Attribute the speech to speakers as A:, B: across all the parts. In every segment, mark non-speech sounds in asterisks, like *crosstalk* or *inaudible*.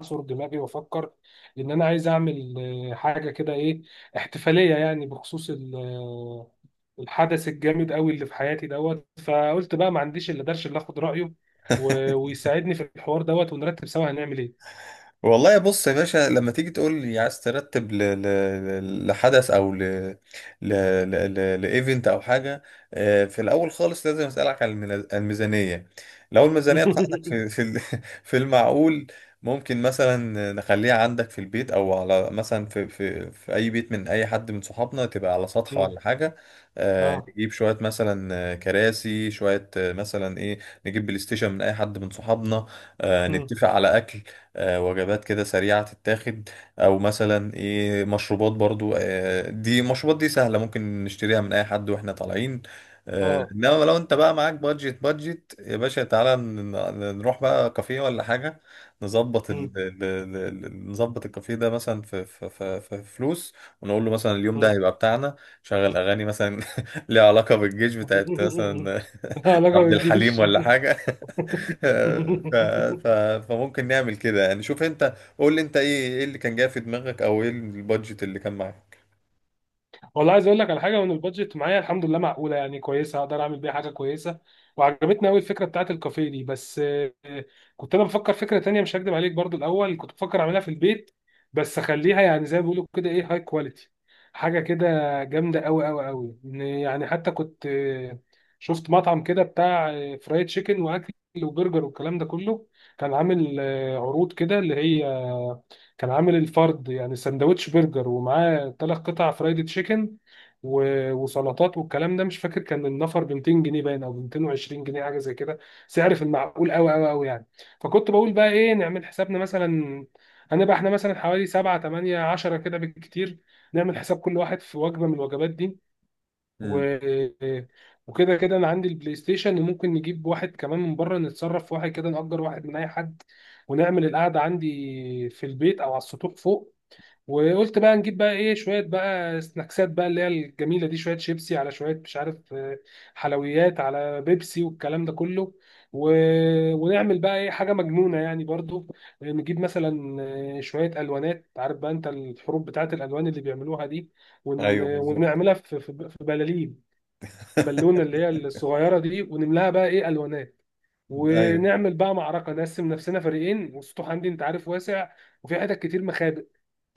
A: اعصر دماغي وافكر ان انا عايز اعمل، حاجه كده ايه احتفاليه يعني بخصوص الحدث الجامد قوي اللي في حياتي دوت. فقلت بقى ما عنديش الا درش اللي اخد رايه ويساعدني في الحوار دوت ونرتب سوا هنعمل ايه.
B: والله بص يا باشا لما تيجي تقول لي عايز ترتب لحدث او ل... لايفنت او حاجه. في الاول خالص لازم اسالك على الميزانيه. لو الميزانيه بتاعتك
A: *laughs*
B: *laughs* في المعقول، ممكن مثلا نخليها عندك في البيت او على مثلا في اي بيت من اي حد من صحابنا، تبقى على سطح
A: مم.
B: ولا حاجه.
A: اه.
B: نجيب شويه مثلا كراسي، شويه مثلا ايه. نجيب بلاي ستيشن من اي حد من صحابنا.
A: مم.
B: نتفق على اكل، وجبات كده سريعة تتاخد، أو مثلا إيه مشروبات. برضو دي مشروبات دي سهلة، ممكن نشتريها من أي حد وإحنا طالعين.
A: اه.
B: إنما لو أنت بقى معاك بادجت بادجت يا باشا، تعالى نروح بقى كافيه ولا حاجة. نظبط ال...
A: مم.
B: ال- ال- ال- نظبط الكافيه ده مثلا في فلوس، ونقول له مثلا اليوم ده
A: مم.
B: هيبقى بتاعنا. شغل أغاني مثلا *laughs* ليها علاقة بالجيش، بتاعت
A: *laughs*
B: مثلا *laughs*
A: علاقه
B: عبد الحليم
A: بالجيش.
B: ولا حاجة. ف... ف...
A: *laughs*
B: فممكن نعمل كده يعني. شوف انت، قول لي انت ايه اللي كان جاي في دماغك، او ايه البادجت اللي كان معاك؟
A: والله عايز اقول لك على حاجه، وان البادجت معايا الحمد لله معقوله يعني كويسه، اقدر اعمل بيها حاجه كويسه. وعجبتني قوي الفكره بتاعت الكافيه دي، بس كنت انا بفكر فكره تانية مش هكدب عليك. برضو الاول كنت بفكر اعملها في البيت، بس اخليها يعني زي ما بيقولوا كده ايه هاي كواليتي، حاجه كده جامده قوي قوي قوي يعني. حتى كنت شفت مطعم كده بتاع فرايد تشيكن واكل وبرجر والكلام ده كله. كان عامل عروض كده اللي هي، كان عامل الفرد يعني سندوتش برجر ومعاه 3 قطع فرايد تشيكن وسلطات والكلام ده. مش فاكر كان النفر ب 200 جنيه باين او ب 220 جنيه حاجه زي كده، سعر في المعقول قوي قوي قوي يعني. فكنت بقول بقى ايه، نعمل حسابنا مثلا هنبقى احنا مثلا حوالي 7 8 10 كده بالكتير، نعمل حساب كل واحد في وجبه من الوجبات دي. و...
B: امم،
A: وكده كده انا عندي البلاي ستيشن، وممكن نجيب واحد كمان من بره نتصرف في واحد كده نأجر واحد من اي حد، ونعمل القعده عندي في البيت او على السطوح فوق. وقلت بقى نجيب بقى ايه شويه بقى سناكسات بقى اللي هي الجميله دي، شويه شيبسي على شويه مش عارف حلويات على بيبسي والكلام ده كله. و... ونعمل بقى ايه حاجه مجنونه يعني برضو. نجيب مثلا شويه الوانات، عارف بقى انت الحروب بتاعت الالوان اللي بيعملوها دي،
B: ايوه بالظبط.
A: ونعملها في بلالين. بالونه
B: *laughs*
A: اللي هي الصغيره دي ونملاها بقى ايه الوانات،
B: ايوه.
A: ونعمل بقى معركه نقسم نفسنا فريقين، والسطوح عندي انت عارف واسع، وفي حتت كتير مخابئ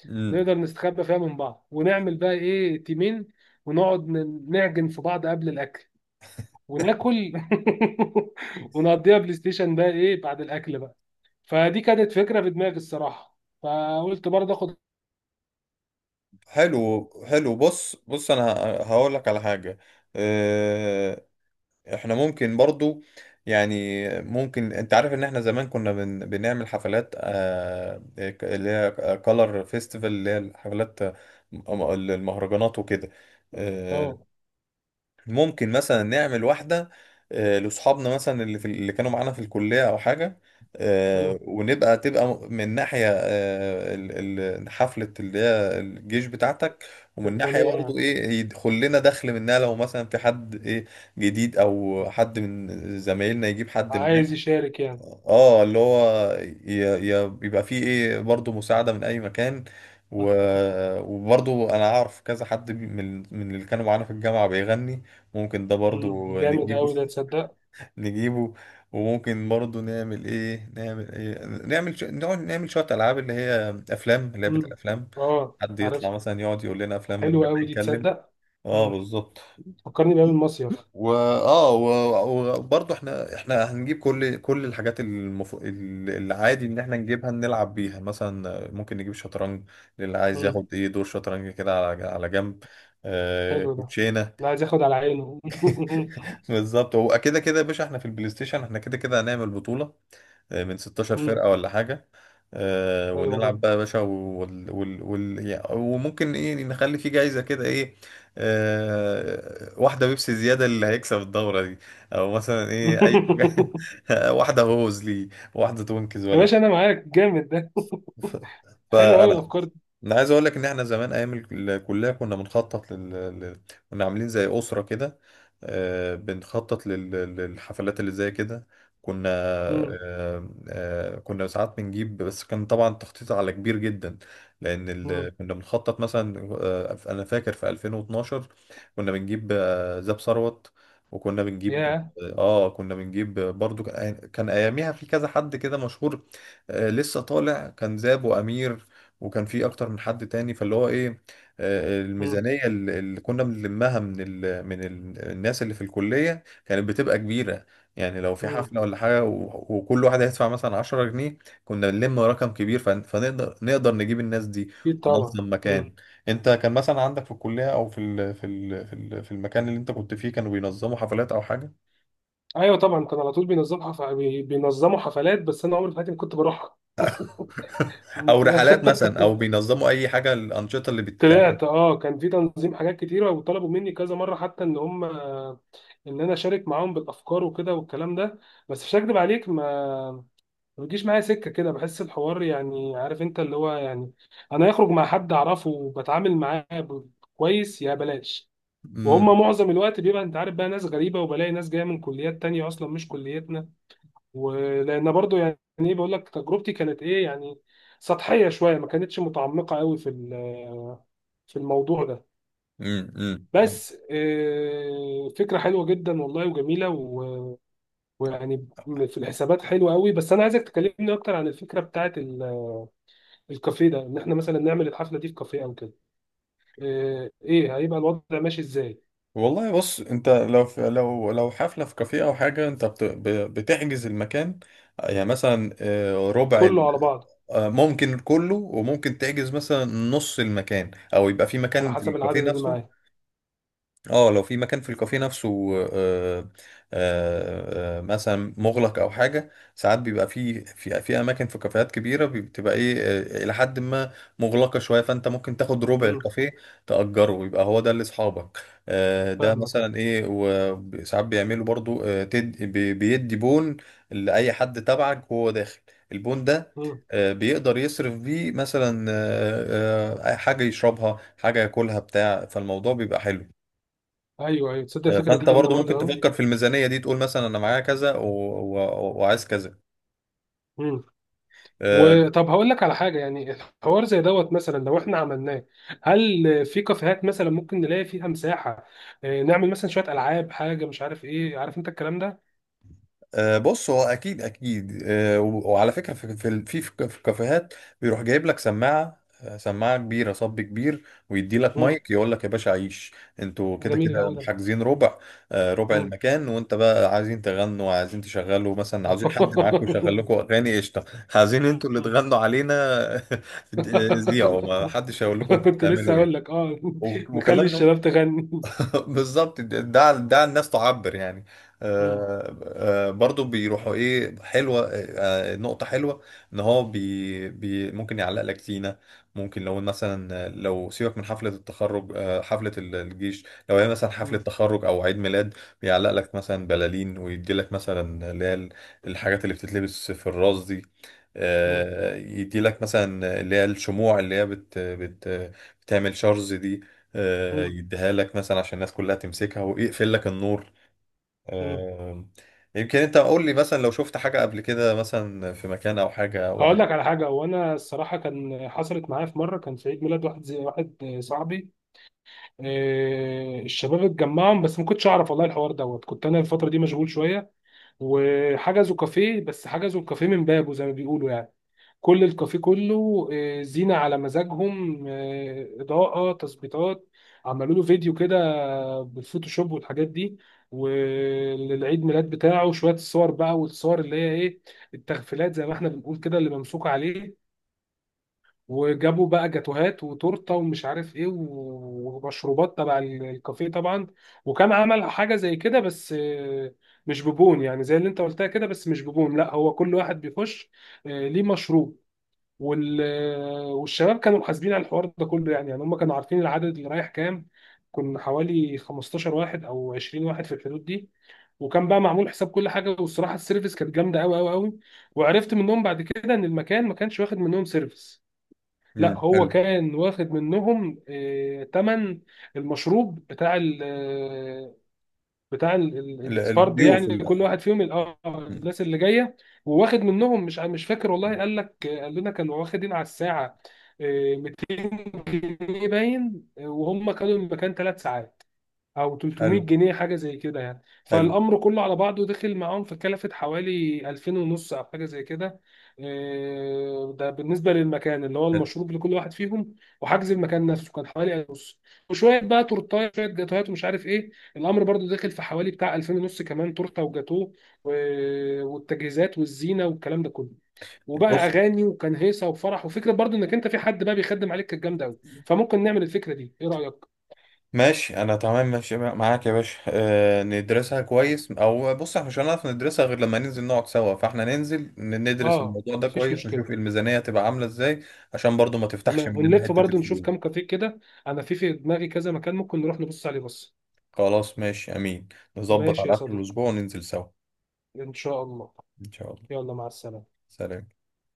B: امم.
A: نقدر نستخبى فيها من بعض، ونعمل بقى ايه تيمين. ونقعد نعجن في بعض قبل الاكل وناكل. *laughs* ونقضيها بلاي ستيشن بقى ايه بعد الاكل بقى. فدي كانت فكره في دماغي الصراحه، فقلت برضه اخد.
B: حلو حلو. بص بص، انا هقول لك على حاجه. اه، احنا ممكن برضو يعني ممكن، انت عارف ان احنا زمان كنا بنعمل حفلات، اللي هي كولر فيستيفال، اللي هي الحفلات، المهرجانات وكده. آه،
A: اه.
B: ممكن مثلا نعمل واحدة لأصحابنا، مثلا اللي اللي كانوا معانا في الكلية أو حاجة. آه،
A: مم.
B: ونبقى تبقى من ناحية حفلة اللي هي الجيش بتاعتك، ومن ناحية
A: تفعيليه يعني.
B: برضه إيه يدخل لنا دخل منها. لو مثلا في حد إيه جديد، أو حد من زمايلنا يجيب حد
A: عايز
B: معاه،
A: يشارك يعني.
B: اه، اللي هو بيبقى فيه ايه برضه مساعدة من اي مكان. و... وبرضه انا اعرف كذا حد، من اللي كانوا معانا في الجامعة بيغني. ممكن ده برضه
A: مم. جامد
B: نجيبه.
A: قوي ده تصدق.
B: *laughs* نجيبه. وممكن برضه نعمل ايه نعمل ايه نعمل ش... نقعد نعمل شوية العاب، اللي هي افلام، لعبة
A: مم.
B: الافلام.
A: اه
B: حد
A: عارف.
B: يطلع مثلا يقعد يقول لنا افلام من
A: حلو
B: غير
A: قوي
B: ما
A: دي
B: يتكلم.
A: تصدق.
B: اه
A: مم.
B: بالظبط.
A: فكرني بقى بالمصيف.
B: وبرضه احنا هنجيب كل الحاجات، العادي ان احنا نجيبها نلعب بيها. مثلا ممكن نجيب شطرنج، للي عايز
A: مم.
B: ياخد ايه دور شطرنج كده على جنب. آه
A: حلو ده.
B: كوتشينه.
A: لا عايز ياخد على عينه. *laughs*
B: *laughs* بالظبط. هو كده كده يا باشا احنا في البلاي ستيشن، احنا كده كده هنعمل بطوله من 16
A: مم.
B: فرقة ولا حاجة.
A: حلو
B: ونلعب
A: برضه.
B: بقى يا باشا، يعني وممكن ايه نخلي في جايزة كده ايه، واحدة بيبسي زيادة اللي هيكسب الدورة دي، او مثلا ايه اي
A: *laughs*
B: *laughs* واحدة هوز ليه، واحدة تونكز
A: يا باشا
B: ولا.
A: انا معاك، جامد ده.
B: ف-
A: *laughs* حلو قوي
B: فانا
A: الافكار دي.
B: انا عايز اقول لك ان احنا زمان ايام الكليه كنا بنخطط لل... كنا عاملين زي اسره كده، بنخطط للحفلات اللي زي كده. كنا
A: مم.
B: آه، آه، كنا ساعات بنجيب، بس كان طبعا تخطيط على كبير جدا، لان
A: مم.
B: كنا بنخطط مثلا. انا فاكر في 2012 كنا بنجيب زاب ثروت، وكنا بنجيب
A: يا.
B: اه آه، كنا بنجيب برضو. كان اياميها في كذا حد كده مشهور لسه طالع، كان زاب وامير، وكان في اكتر من حد تاني. فاللي هو ايه،
A: مم.
B: الميزانيه اللي كنا بنلمها من الناس اللي في الكليه كانت بتبقى كبيره. يعني لو في
A: مم.
B: حفله ولا حاجه، وكل واحد هيدفع مثلا 10 جنيه، كنا بنلم رقم كبير، فن- فنقدر نقدر نجيب الناس دي
A: اكيد طبعا.
B: وننظم
A: مم.
B: مكان. انت كان مثلا عندك في الكليه، او في ال في ال في ال في المكان اللي انت كنت فيه، كانوا بينظموا حفلات او حاجه؟
A: ايوه طبعا، كان على طول بينظم بينظموا حفلات، بس انا عمري في حياتي ما كنت بروحها.
B: *laughs* او رحلات مثلا، او
A: *laughs*
B: بينظموا اي حاجه، الانشطه اللي
A: طلعت اه، كان في تنظيم حاجات كتيرة، وطلبوا مني كذا مرة حتى ان انا اشارك معاهم بالافكار وكده والكلام ده. بس مش هكدب عليك، ما بيجيش معايا سكة كده. بحس الحوار يعني عارف انت اللي هو يعني، انا اخرج مع حد اعرفه وبتعامل معاه كويس، يا بلاش. وهم
B: بتتعمل؟
A: معظم الوقت بيبقى انت عارف بقى ناس غريبة، وبلاقي ناس جاية من كليات تانية اصلا مش كليتنا. ولان برضو يعني ايه بقول لك تجربتي كانت ايه يعني سطحية شوية، ما كانتش متعمقة قوي في الموضوع ده.
B: امم.
A: بس فكرة حلوة جدا والله وجميلة، ويعني في الحسابات حلوة قوي. بس أنا عايزك تكلمني أكتر عن الفكرة بتاعة الكافيه ده، إن إحنا مثلا نعمل الحفلة دي في كافيه أو كده. إيه هيبقى الوضع ماشي إزاي؟
B: والله بص، انت لو في، لو حفله في كافيه او حاجه، انت بتحجز المكان. يعني مثلا آه، ربع ال-
A: كله على بعضه.
B: آه، ممكن كله، وممكن تحجز مثلا نص المكان، او يبقى في
A: على
B: مكان في
A: حسب
B: الكافيه
A: العدد اللي
B: نفسه.
A: معاه.
B: اه، لو في مكان في الكافيه نفسه آه، مثلا مغلق او حاجه. ساعات بيبقى في في اماكن في كافيهات كبيره، بتبقى ايه الى حد ما مغلقه شويه، فانت ممكن تاخد ربع
A: أمم،
B: الكافيه، تاجره، يبقى هو ده لاصحابك. ده
A: فاهمك أه.
B: مثلا ايه. وساعات بيعملوا برضو بيدي بون لاي حد تبعك وهو داخل. البون ده
A: أمم،
B: بيقدر يصرف بيه مثلا حاجه يشربها، حاجه ياكلها، بتاع، فالموضوع بيبقى حلو.
A: أيوه أيوه تصدق الفكرة دي
B: فانت
A: جامدة
B: برضو ممكن
A: برضه.
B: تفكر في الميزانيه دي، تقول مثلا انا معايا كذا و... وعايز كذا.
A: قوي.
B: آه،
A: وطب هقول لك على حاجه، يعني الحوار زي دوت مثلا لو احنا عملناه، هل في كافيهات مثلا ممكن نلاقي فيها مساحه، نعمل مثلا شويه العاب حاجه مش عارف ايه، عارف انت الكلام ده.
B: بص، هو اكيد اكيد وعلى فكره، في في الكافيهات بيروح جايب لك سماعه كبيره، صب كبير، ويدي لك
A: مم.
B: مايك، يقول لك يا باشا عيش، انتوا كده
A: جميل
B: كده
A: قوي ده.
B: حاجزين ربع ربع
A: مم.
B: المكان، وانت بقى عايزين تغنوا، عايزين تشغلوا مثلا، عاوزين حد معاكم
A: *laughs*
B: يشغل لكم اغاني قشطه، عايزين انتوا اللي تغنوا علينا. *laughs* زيعوا، ما حدش هيقول لكم انتوا
A: كنت لسه
B: بتعملوا ايه.
A: هقول لك، اه نخلي
B: وكمان
A: الشباب تغني.
B: *laughs* بالظبط، ده ده الناس تعبر يعني.
A: مم.
B: آه، برضو بيروحوا ايه، حلوه نقطه حلوه، ان هو بي بي ممكن يعلق لك زينه. ممكن لو مثلا، لو سيبك من حفله التخرج، حفله الجيش، لو هي مثلا حفله
A: مم.
B: تخرج او عيد ميلاد، بيعلق لك مثلا بلالين، ويدي لك مثلا اللي هي الحاجات اللي بتتلبس في الراس دي،
A: مم.
B: يدي لك مثلا اللي هي الشموع، اللي هي بت بت بتعمل شرز دي،
A: مم.
B: يديها لك مثلا عشان الناس كلها تمسكها، ويقفل لك النور.
A: مم.
B: آه، يمكن انت قول لي مثلا، لو شفت حاجة قبل كده مثلا في مكان او حاجة
A: هقول لك
B: وعجبتك.
A: على حاجه، وانا الصراحه كان حصلت معايا في مره، كان في عيد ميلاد واحد زي واحد صاحبي، الشباب اتجمعهم بس ما كنتش اعرف والله الحوار دوت، كنت انا الفتره دي مشغول شويه. وحجزوا كافيه، بس حجزوا الكافيه من بابه زي ما بيقولوا يعني، كل الكافيه كله زينه على مزاجهم، اضاءه تظبيطات. عملوا له فيديو كده بالفوتوشوب والحاجات دي، وللعيد ميلاد بتاعه شويه الصور بقى، والصور اللي هي ايه التغفيلات زي ما احنا بنقول كده اللي ممسوكه عليه. وجابوا بقى جاتوهات وتورته ومش عارف ايه ومشروبات تبع الكافيه طبعا. وكان عمل حاجه زي كده بس مش ببون يعني زي اللي انت قلتها كده، بس مش ببون. لا هو كل واحد بيخش ليه مشروب. والشباب كانوا محاسبين على الحوار ده كله يعني. يعني هم كانوا عارفين العدد اللي رايح كام. كنا حوالي 15 واحد او 20 واحد في الحدود دي. وكان بقى معمول حساب كل حاجه، والصراحه السيرفيس كانت جامده قوي قوي قوي. وعرفت منهم بعد كده ان المكان ما كانش واخد منهم سيرفيس، لا هو
B: حلو.
A: كان واخد منهم ثمن المشروب بتاع ال- آه، بتاع ال- ال- الفرد،
B: الضيوف
A: يعني كل واحد فيهم،
B: مم.
A: الناس اللي جايه. وواخد منهم، مش فاكر والله، قال لنا كانوا واخدين على الساعه 200 جنيه باين، وهم كانوا المكان 3 ساعات او 300
B: حلو
A: جنيه حاجه زي كده يعني.
B: حلو
A: فالامر كله على بعضه دخل معاهم فكلفت حوالي 2000 ونص او حاجه زي كده. إيه، ده بالنسبه للمكان اللي هو
B: حلو.
A: المشروب لكل واحد فيهم. وحجز المكان نفسه كان حوالي 1000 ونص. وشويه بقى تورتايه شويه جاتوهات ومش عارف ايه، الامر برضو دخل في حوالي بتاع 2000 ونص كمان تورته وجاتوه، والتجهيزات والزينه والكلام ده كله. وبقى
B: بص،
A: اغاني وكان هيصه وفرح، وفكره برضو انك انت في حد بقى بيخدم عليك كانت جامده قوي. فممكن نعمل الفكره دي، ايه رايك؟
B: ماشي. انا تمام، ماشي معاك يا باشا. ندرسها كويس. او بص، احنا مش هنعرف ندرسها غير لما ننزل نقعد سوا. فاحنا ننزل ندرس
A: اه
B: الموضوع ده
A: مفيش
B: كويس،
A: مشكله.
B: نشوف الميزانية تبقى عاملة ازاي، عشان برضو ما تفتحش
A: تمام
B: مننا
A: ونلف
B: حتة
A: برضو نشوف كام
B: الفلوس.
A: كافيه كده. انا في دماغي كذا مكان ممكن نروح نبص عليه بص.
B: خلاص، ماشي امين. نظبط
A: ماشي يا
B: على اخر
A: صديقي.
B: الاسبوع وننزل سوا.
A: ان شاء الله.
B: ان شاء الله.
A: يلا مع السلامة.
B: سلام.